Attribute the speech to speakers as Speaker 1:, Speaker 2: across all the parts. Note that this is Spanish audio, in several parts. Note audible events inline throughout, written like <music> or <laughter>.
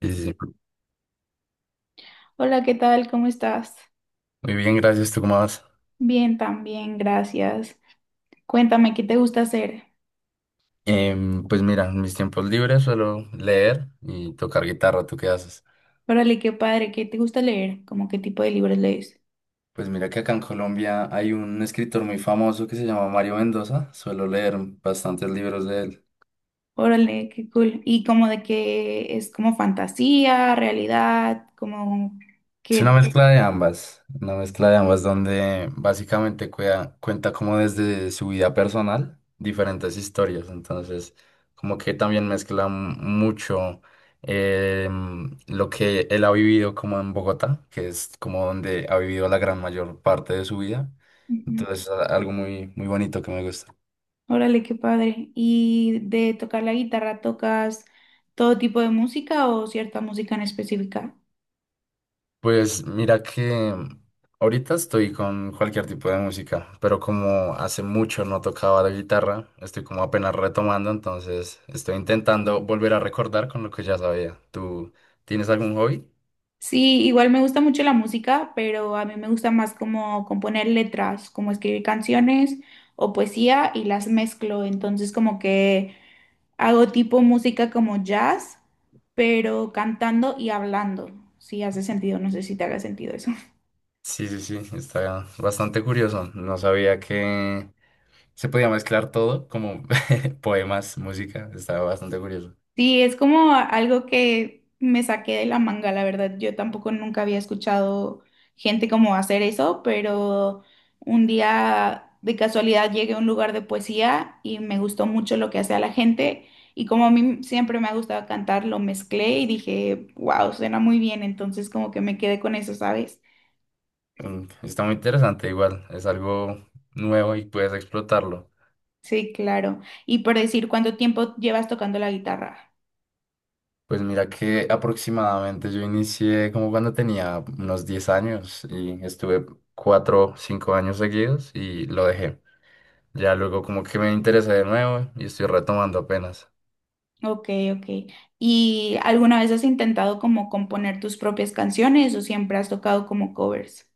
Speaker 1: Sí, sí, sí.
Speaker 2: Hola, ¿qué tal? ¿Cómo estás?
Speaker 1: Muy bien, gracias. ¿Tú cómo vas?
Speaker 2: Bien, también, gracias. Cuéntame, ¿qué te gusta hacer?
Speaker 1: Pues mira, en mis tiempos libres suelo leer y tocar guitarra. ¿Tú qué haces?
Speaker 2: Órale, qué padre, ¿qué te gusta leer? ¿Cómo qué tipo de libros lees?
Speaker 1: Pues mira que acá en Colombia hay un escritor muy famoso que se llama Mario Mendoza. Suelo leer bastantes libros de él.
Speaker 2: Órale, qué cool. ¿Y como de qué es? ¿Como fantasía, realidad, como
Speaker 1: Es una
Speaker 2: que...?
Speaker 1: mezcla de ambas, una mezcla de ambas donde básicamente cuenta como desde su vida personal diferentes historias, entonces como que también mezcla mucho lo que él ha vivido como en Bogotá, que es como donde ha vivido la gran mayor parte de su vida,
Speaker 2: Ujú.
Speaker 1: entonces algo muy, muy bonito que me gusta.
Speaker 2: Órale, qué padre. ¿Y de tocar la guitarra, tocas todo tipo de música o cierta música en específica?
Speaker 1: Pues mira que ahorita estoy con cualquier tipo de música, pero como hace mucho no tocaba la guitarra, estoy como apenas retomando, entonces estoy intentando volver a recordar con lo que ya sabía. ¿Tú tienes algún hobby?
Speaker 2: Sí, igual me gusta mucho la música, pero a mí me gusta más como componer letras, como escribir canciones o poesía y las mezclo. Entonces como que hago tipo música como jazz, pero cantando y hablando. Si hace sentido, no sé si te haga sentido eso.
Speaker 1: Sí, sí, sí, está bastante curioso. No sabía que se podía mezclar todo, como <laughs> poemas, música, está bastante curioso.
Speaker 2: Sí, es como algo que me saqué de la manga, la verdad. Yo tampoco nunca había escuchado gente como hacer eso, pero un día de casualidad llegué a un lugar de poesía y me gustó mucho lo que hacía la gente. Y como a mí siempre me ha gustado cantar, lo mezclé y dije, wow, suena muy bien. Entonces como que me quedé con eso, ¿sabes?
Speaker 1: Mm, está muy interesante igual, es algo nuevo y puedes explotarlo.
Speaker 2: Sí, claro. Y por decir, ¿cuánto tiempo llevas tocando la guitarra?
Speaker 1: Pues mira que aproximadamente yo inicié como cuando tenía unos 10 años y estuve 4 5 años seguidos y lo dejé. Ya luego como que me interesé de nuevo y estoy retomando apenas.
Speaker 2: Ok, ok. ¿Y alguna vez has intentado como componer tus propias canciones o siempre has tocado como covers?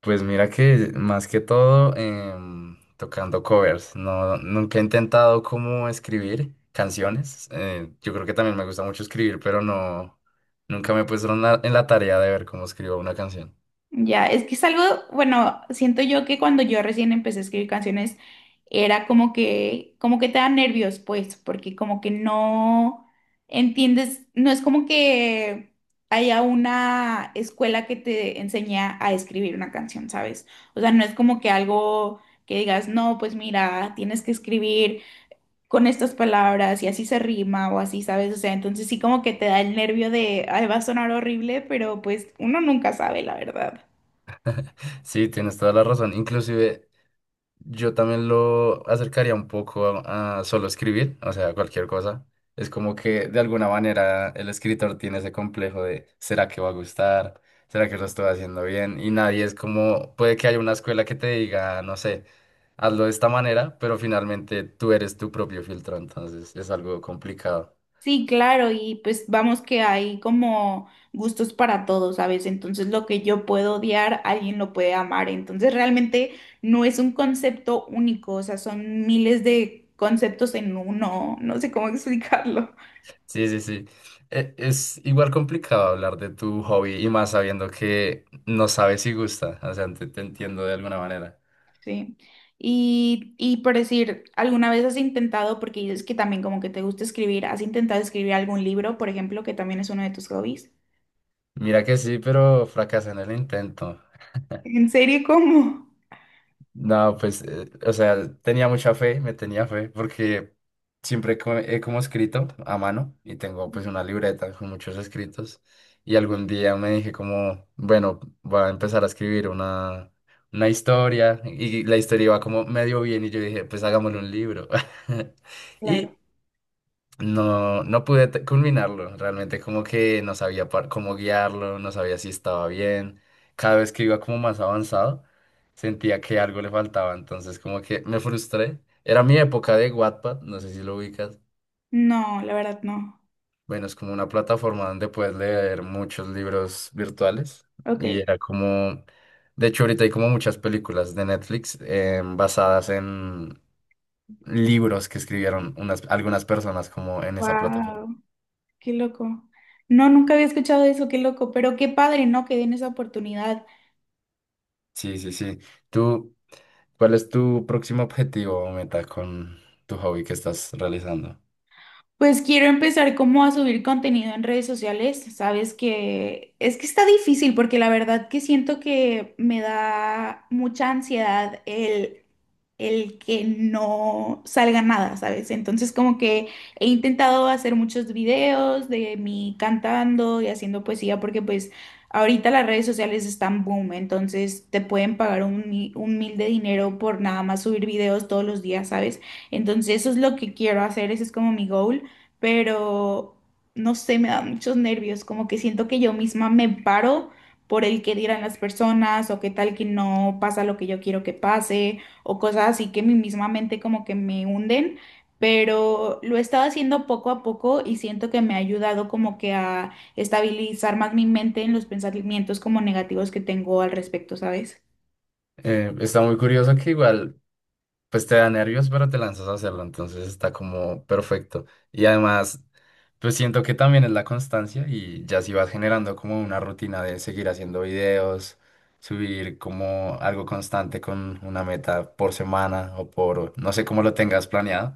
Speaker 1: Pues mira que más que todo tocando covers. No, nunca he intentado como escribir canciones. Yo creo que también me gusta mucho escribir, pero no, nunca me he puesto en la tarea de ver cómo escribo una canción.
Speaker 2: Ya, es que es algo, bueno, siento yo que cuando yo recién empecé a escribir canciones era como que te da nervios, pues, porque como que no entiendes, no es como que haya una escuela que te enseñe a escribir una canción, ¿sabes? O sea, no es como que algo que digas, no, pues mira, tienes que escribir con estas palabras y así se rima o así, ¿sabes? O sea, entonces sí como que te da el nervio de, ay, va a sonar horrible, pero pues uno nunca sabe, la verdad.
Speaker 1: Sí, tienes toda la razón. Inclusive yo también lo acercaría un poco a solo escribir, o sea, cualquier cosa. Es como que de alguna manera el escritor tiene ese complejo de ¿será que va a gustar? ¿Será que lo estoy haciendo bien? Y nadie es como, puede que haya una escuela que te diga, no sé, hazlo de esta manera, pero finalmente tú eres tu propio filtro, entonces es algo complicado.
Speaker 2: Sí, claro, y pues vamos que hay como gustos para todos, ¿sabes? Entonces lo que yo puedo odiar, alguien lo puede amar. Entonces realmente no es un concepto único, o sea, son miles de conceptos en uno, no sé cómo <laughs> explicarlo.
Speaker 1: Sí, sí, sí. Es igual complicado hablar de tu hobby y más sabiendo que no sabes si gusta, o sea, te entiendo de alguna manera.
Speaker 2: Sí. Y por decir, ¿alguna vez has intentado, porque dices que también como que te gusta escribir, has intentado escribir algún libro, por ejemplo, que también es uno de tus hobbies?
Speaker 1: Mira que sí, pero fracasé en el intento. <laughs>
Speaker 2: ¿En serio? ¿Cómo?
Speaker 1: No, pues, o sea, tenía mucha fe, me tenía fe, porque siempre he como escrito a mano y tengo pues una libreta con muchos escritos y algún día me dije como, bueno, voy a empezar a escribir una historia y la historia iba como medio bien y yo dije, pues hagámosle un libro. <laughs>
Speaker 2: Claro.
Speaker 1: Y no, no pude culminarlo, realmente como que no sabía cómo guiarlo, no sabía si estaba bien. Cada vez que iba como más avanzado, sentía que algo le faltaba, entonces como que me frustré. Era mi época de Wattpad, no sé si lo ubicas.
Speaker 2: No, la verdad no.
Speaker 1: Bueno, es como una plataforma donde puedes leer muchos libros virtuales
Speaker 2: Ok.
Speaker 1: y era como, de hecho ahorita hay como muchas películas de Netflix basadas en libros que escribieron unas, algunas personas como en esa plataforma.
Speaker 2: Wow, qué loco. No, nunca había escuchado eso, qué loco, pero qué padre, ¿no? Que den esa oportunidad.
Speaker 1: Sí, sí, sí. ¿Tú ¿cuál es tu próximo objetivo o meta con tu hobby que estás realizando?
Speaker 2: Pues quiero empezar como a subir contenido en redes sociales. Sabes que es que está difícil porque la verdad que siento que me da mucha ansiedad el que no salga nada, ¿sabes? Entonces como que he intentado hacer muchos videos de mí cantando y haciendo poesía porque pues ahorita las redes sociales están boom, entonces te pueden pagar un, un mil de dinero por nada más subir videos todos los días, ¿sabes? Entonces eso es lo que quiero hacer, ese es como mi goal, pero no sé, me da muchos nervios, como que siento que yo misma me paro por el que dirán las personas o qué tal que no pasa lo que yo quiero que pase o cosas así que mi misma mente como que me hunden, pero lo he estado haciendo poco a poco y siento que me ha ayudado como que a estabilizar más mi mente en los pensamientos como negativos que tengo al respecto, ¿sabes?
Speaker 1: Está muy curioso que igual, pues te da nervios, pero te lanzas a hacerlo, entonces está como perfecto. Y además, pues siento que también es la constancia y ya si vas generando como una rutina de seguir haciendo videos, subir como algo constante con una meta por semana o por, no sé cómo lo tengas planeado,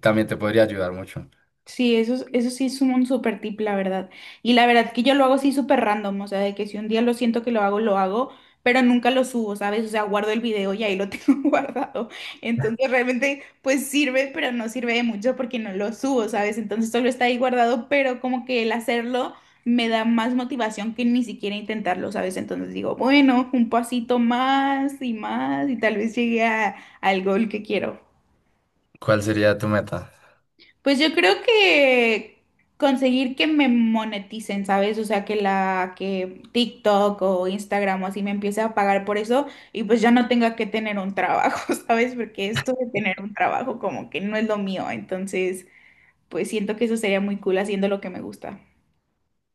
Speaker 1: también te podría ayudar mucho.
Speaker 2: Sí, eso, eso sí es un super tip, la verdad. Y la verdad que yo lo hago así súper random, o sea, de que si un día lo siento que lo hago, pero nunca lo subo, ¿sabes? O sea, guardo el video y ahí lo <laughs> tengo guardado. Entonces realmente pues sirve, pero no sirve de mucho porque no lo subo, ¿sabes? Entonces solo está ahí guardado, pero como que el hacerlo me da más motivación que ni siquiera intentarlo, ¿sabes? Entonces digo, bueno, un pasito más y más y tal vez llegue al gol que quiero.
Speaker 1: ¿Cuál sería tu meta?
Speaker 2: Pues yo creo que conseguir que me moneticen, ¿sabes? O sea, que TikTok o Instagram o así me empiece a pagar por eso y pues ya no tenga que tener un trabajo, <laughs> ¿sabes? Porque esto de tener un trabajo como que no es lo mío, entonces pues siento que eso sería muy cool haciendo lo que me gusta.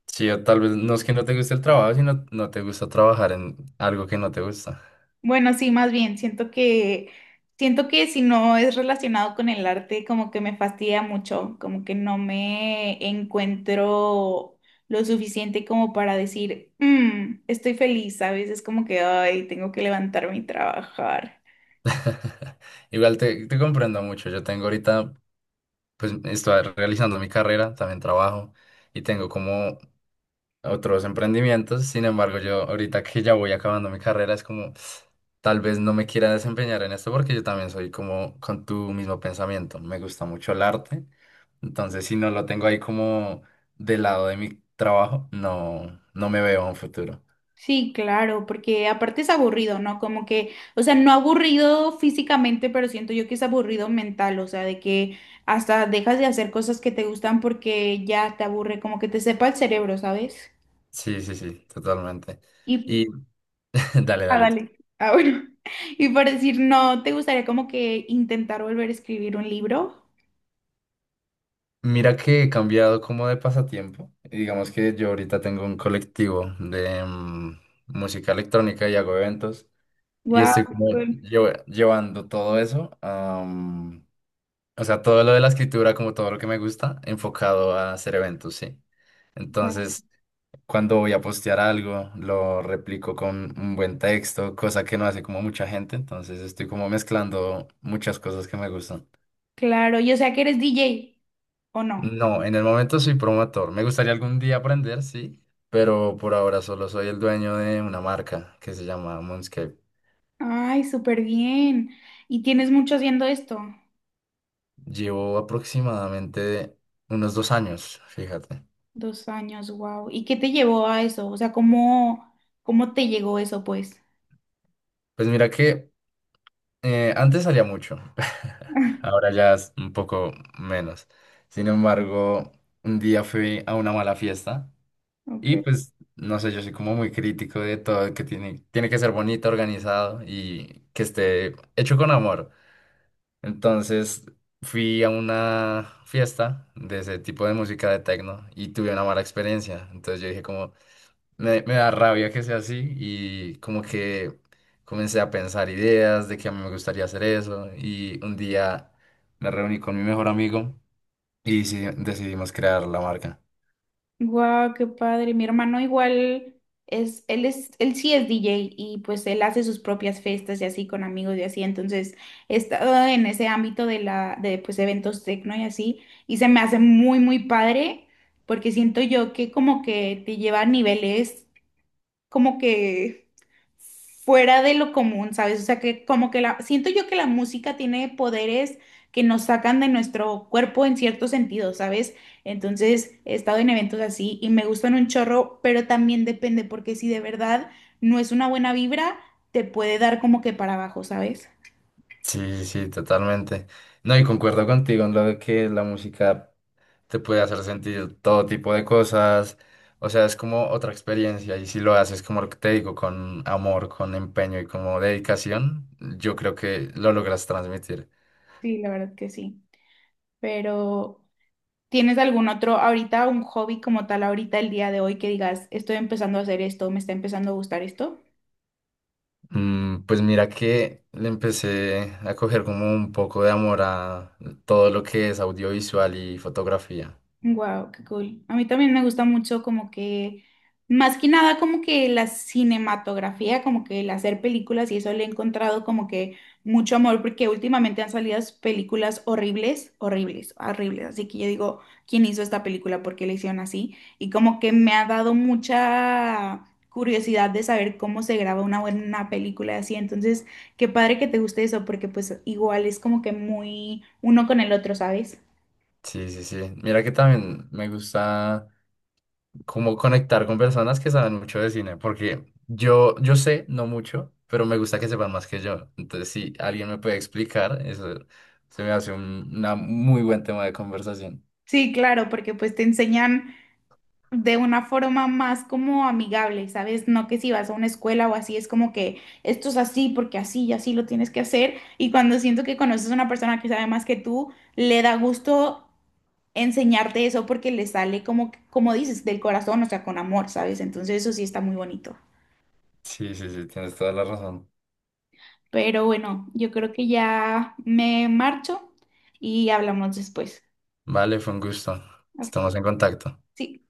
Speaker 1: Sí, o tal vez no es que no te guste el trabajo, sino no te gusta trabajar en algo que no te gusta.
Speaker 2: Bueno, sí, más bien, siento que si no es relacionado con el arte, como que me fastidia mucho, como que no me encuentro lo suficiente como para decir, "Mm, estoy feliz", ¿sabes? Es como que, ay, tengo que levantarme y trabajar.
Speaker 1: <laughs> Igual te, te comprendo mucho. Yo tengo ahorita, pues estoy realizando mi carrera, también trabajo y tengo como otros emprendimientos. Sin embargo, yo ahorita que ya voy acabando mi carrera, es como tal vez no me quiera desempeñar en esto porque yo también soy como con tu mismo pensamiento. Me gusta mucho el arte. Entonces, si no lo tengo ahí como del lado de mi trabajo, no, no me veo a un futuro.
Speaker 2: Sí, claro, porque aparte es aburrido, ¿no? Como que, o sea, no aburrido físicamente, pero siento yo que es aburrido mental, o sea, de que hasta dejas de hacer cosas que te gustan porque ya te aburre, como que te sepa el cerebro, ¿sabes?
Speaker 1: Sí, sí, sí, totalmente.
Speaker 2: Y,
Speaker 1: Y <laughs> dale,
Speaker 2: ah,
Speaker 1: dale tú.
Speaker 2: dale. Ah, bueno. <laughs> Y por decir, no, ¿te gustaría como que intentar volver a escribir un libro?
Speaker 1: Mira que he cambiado como de pasatiempo. Y digamos que yo ahorita tengo un colectivo de música electrónica y hago eventos. Y
Speaker 2: Wow,
Speaker 1: estoy como llevando todo eso, o sea, todo lo de la escritura, como todo lo que me gusta, enfocado a hacer eventos, sí. Entonces, cuando voy a postear algo, lo replico con un buen texto, cosa que no hace como mucha gente. Entonces, estoy como mezclando muchas cosas que me gustan.
Speaker 2: claro. Yo sé que eres DJ, ¿o no?
Speaker 1: No, en el momento soy promotor. Me gustaría algún día aprender, sí, pero por ahora solo soy el dueño de una marca que se llama Moonscape.
Speaker 2: Ay, súper bien. ¿Y tienes mucho haciendo esto?
Speaker 1: Llevo aproximadamente unos 2 años, fíjate.
Speaker 2: 2 años, wow. ¿Y qué te llevó a eso? O sea, ¿cómo, cómo te llegó eso, pues?
Speaker 1: Pues mira que antes salía mucho, <laughs>
Speaker 2: <laughs>
Speaker 1: ahora ya es un poco menos. Sin embargo, un día fui a una mala fiesta y
Speaker 2: Ok.
Speaker 1: pues, no sé, yo soy como muy crítico de todo, que tiene, tiene que ser bonito, organizado y que esté hecho con amor. Entonces fui a una fiesta de ese tipo de música de techno y tuve una mala experiencia. Entonces yo dije como, me da rabia que sea así y como que comencé a pensar ideas de que a mí me gustaría hacer eso y un día me reuní con mi mejor amigo y sí, decidimos crear la marca.
Speaker 2: Guau, qué padre. Mi hermano igual es, él sí es DJ y pues él hace sus propias fiestas y así con amigos y así. Entonces he estado en ese ámbito de la, de pues eventos tecno y así. Y se me hace muy, muy padre porque siento yo que como que te lleva a niveles como que fuera de lo común, ¿sabes? O sea, que como que la, siento yo que la música tiene poderes que nos sacan de nuestro cuerpo en cierto sentido, ¿sabes? Entonces, he estado en eventos así y me gustan un chorro, pero también depende, porque si de verdad no es una buena vibra, te puede dar como que para abajo, ¿sabes?
Speaker 1: Sí, sí, totalmente. No, y concuerdo contigo en lo de que la música te puede hacer sentir todo tipo de cosas. O sea, es como otra experiencia y si lo haces como lo que te digo, con amor, con empeño y como dedicación, yo creo que lo logras transmitir.
Speaker 2: Sí, la verdad que sí. Pero, ¿tienes algún otro ahorita, un hobby como tal ahorita el día de hoy que digas, estoy empezando a hacer esto, me está empezando a gustar esto?
Speaker 1: Mm, pues mira que le empecé a coger como un poco de amor a todo lo que es audiovisual y fotografía.
Speaker 2: Wow, qué cool. A mí también me gusta mucho como que, más que nada como que la cinematografía, como que el hacer películas y eso le he encontrado como que mucho amor porque últimamente han salido películas horribles, horribles, horribles. Así que yo digo, ¿quién hizo esta película? ¿Por qué la hicieron así? Y como que me ha dado mucha curiosidad de saber cómo se graba una buena película así. Entonces, qué padre que te guste eso porque pues igual es como que muy uno con el otro, ¿sabes?
Speaker 1: Sí, sí, sí. Mira que también me gusta como conectar con personas que saben mucho de cine, porque yo sé, no mucho, pero me gusta que sepan más que yo. Entonces, si alguien me puede explicar, eso se me hace un una muy buen tema de conversación.
Speaker 2: Sí, claro, porque pues te enseñan de una forma más como amigable, ¿sabes? No que si vas a una escuela o así, es como que esto es así porque así y así lo tienes que hacer. Y cuando siento que conoces a una persona que sabe más que tú, le da gusto enseñarte eso porque le sale como, como dices, del corazón, o sea, con amor, ¿sabes? Entonces eso sí está muy bonito.
Speaker 1: Sí, sí, sí, tienes toda la razón.
Speaker 2: Pero bueno, yo creo que ya me marcho y hablamos después.
Speaker 1: Vale, fue un gusto.
Speaker 2: Hasta,
Speaker 1: Estamos en contacto.
Speaker 2: sí.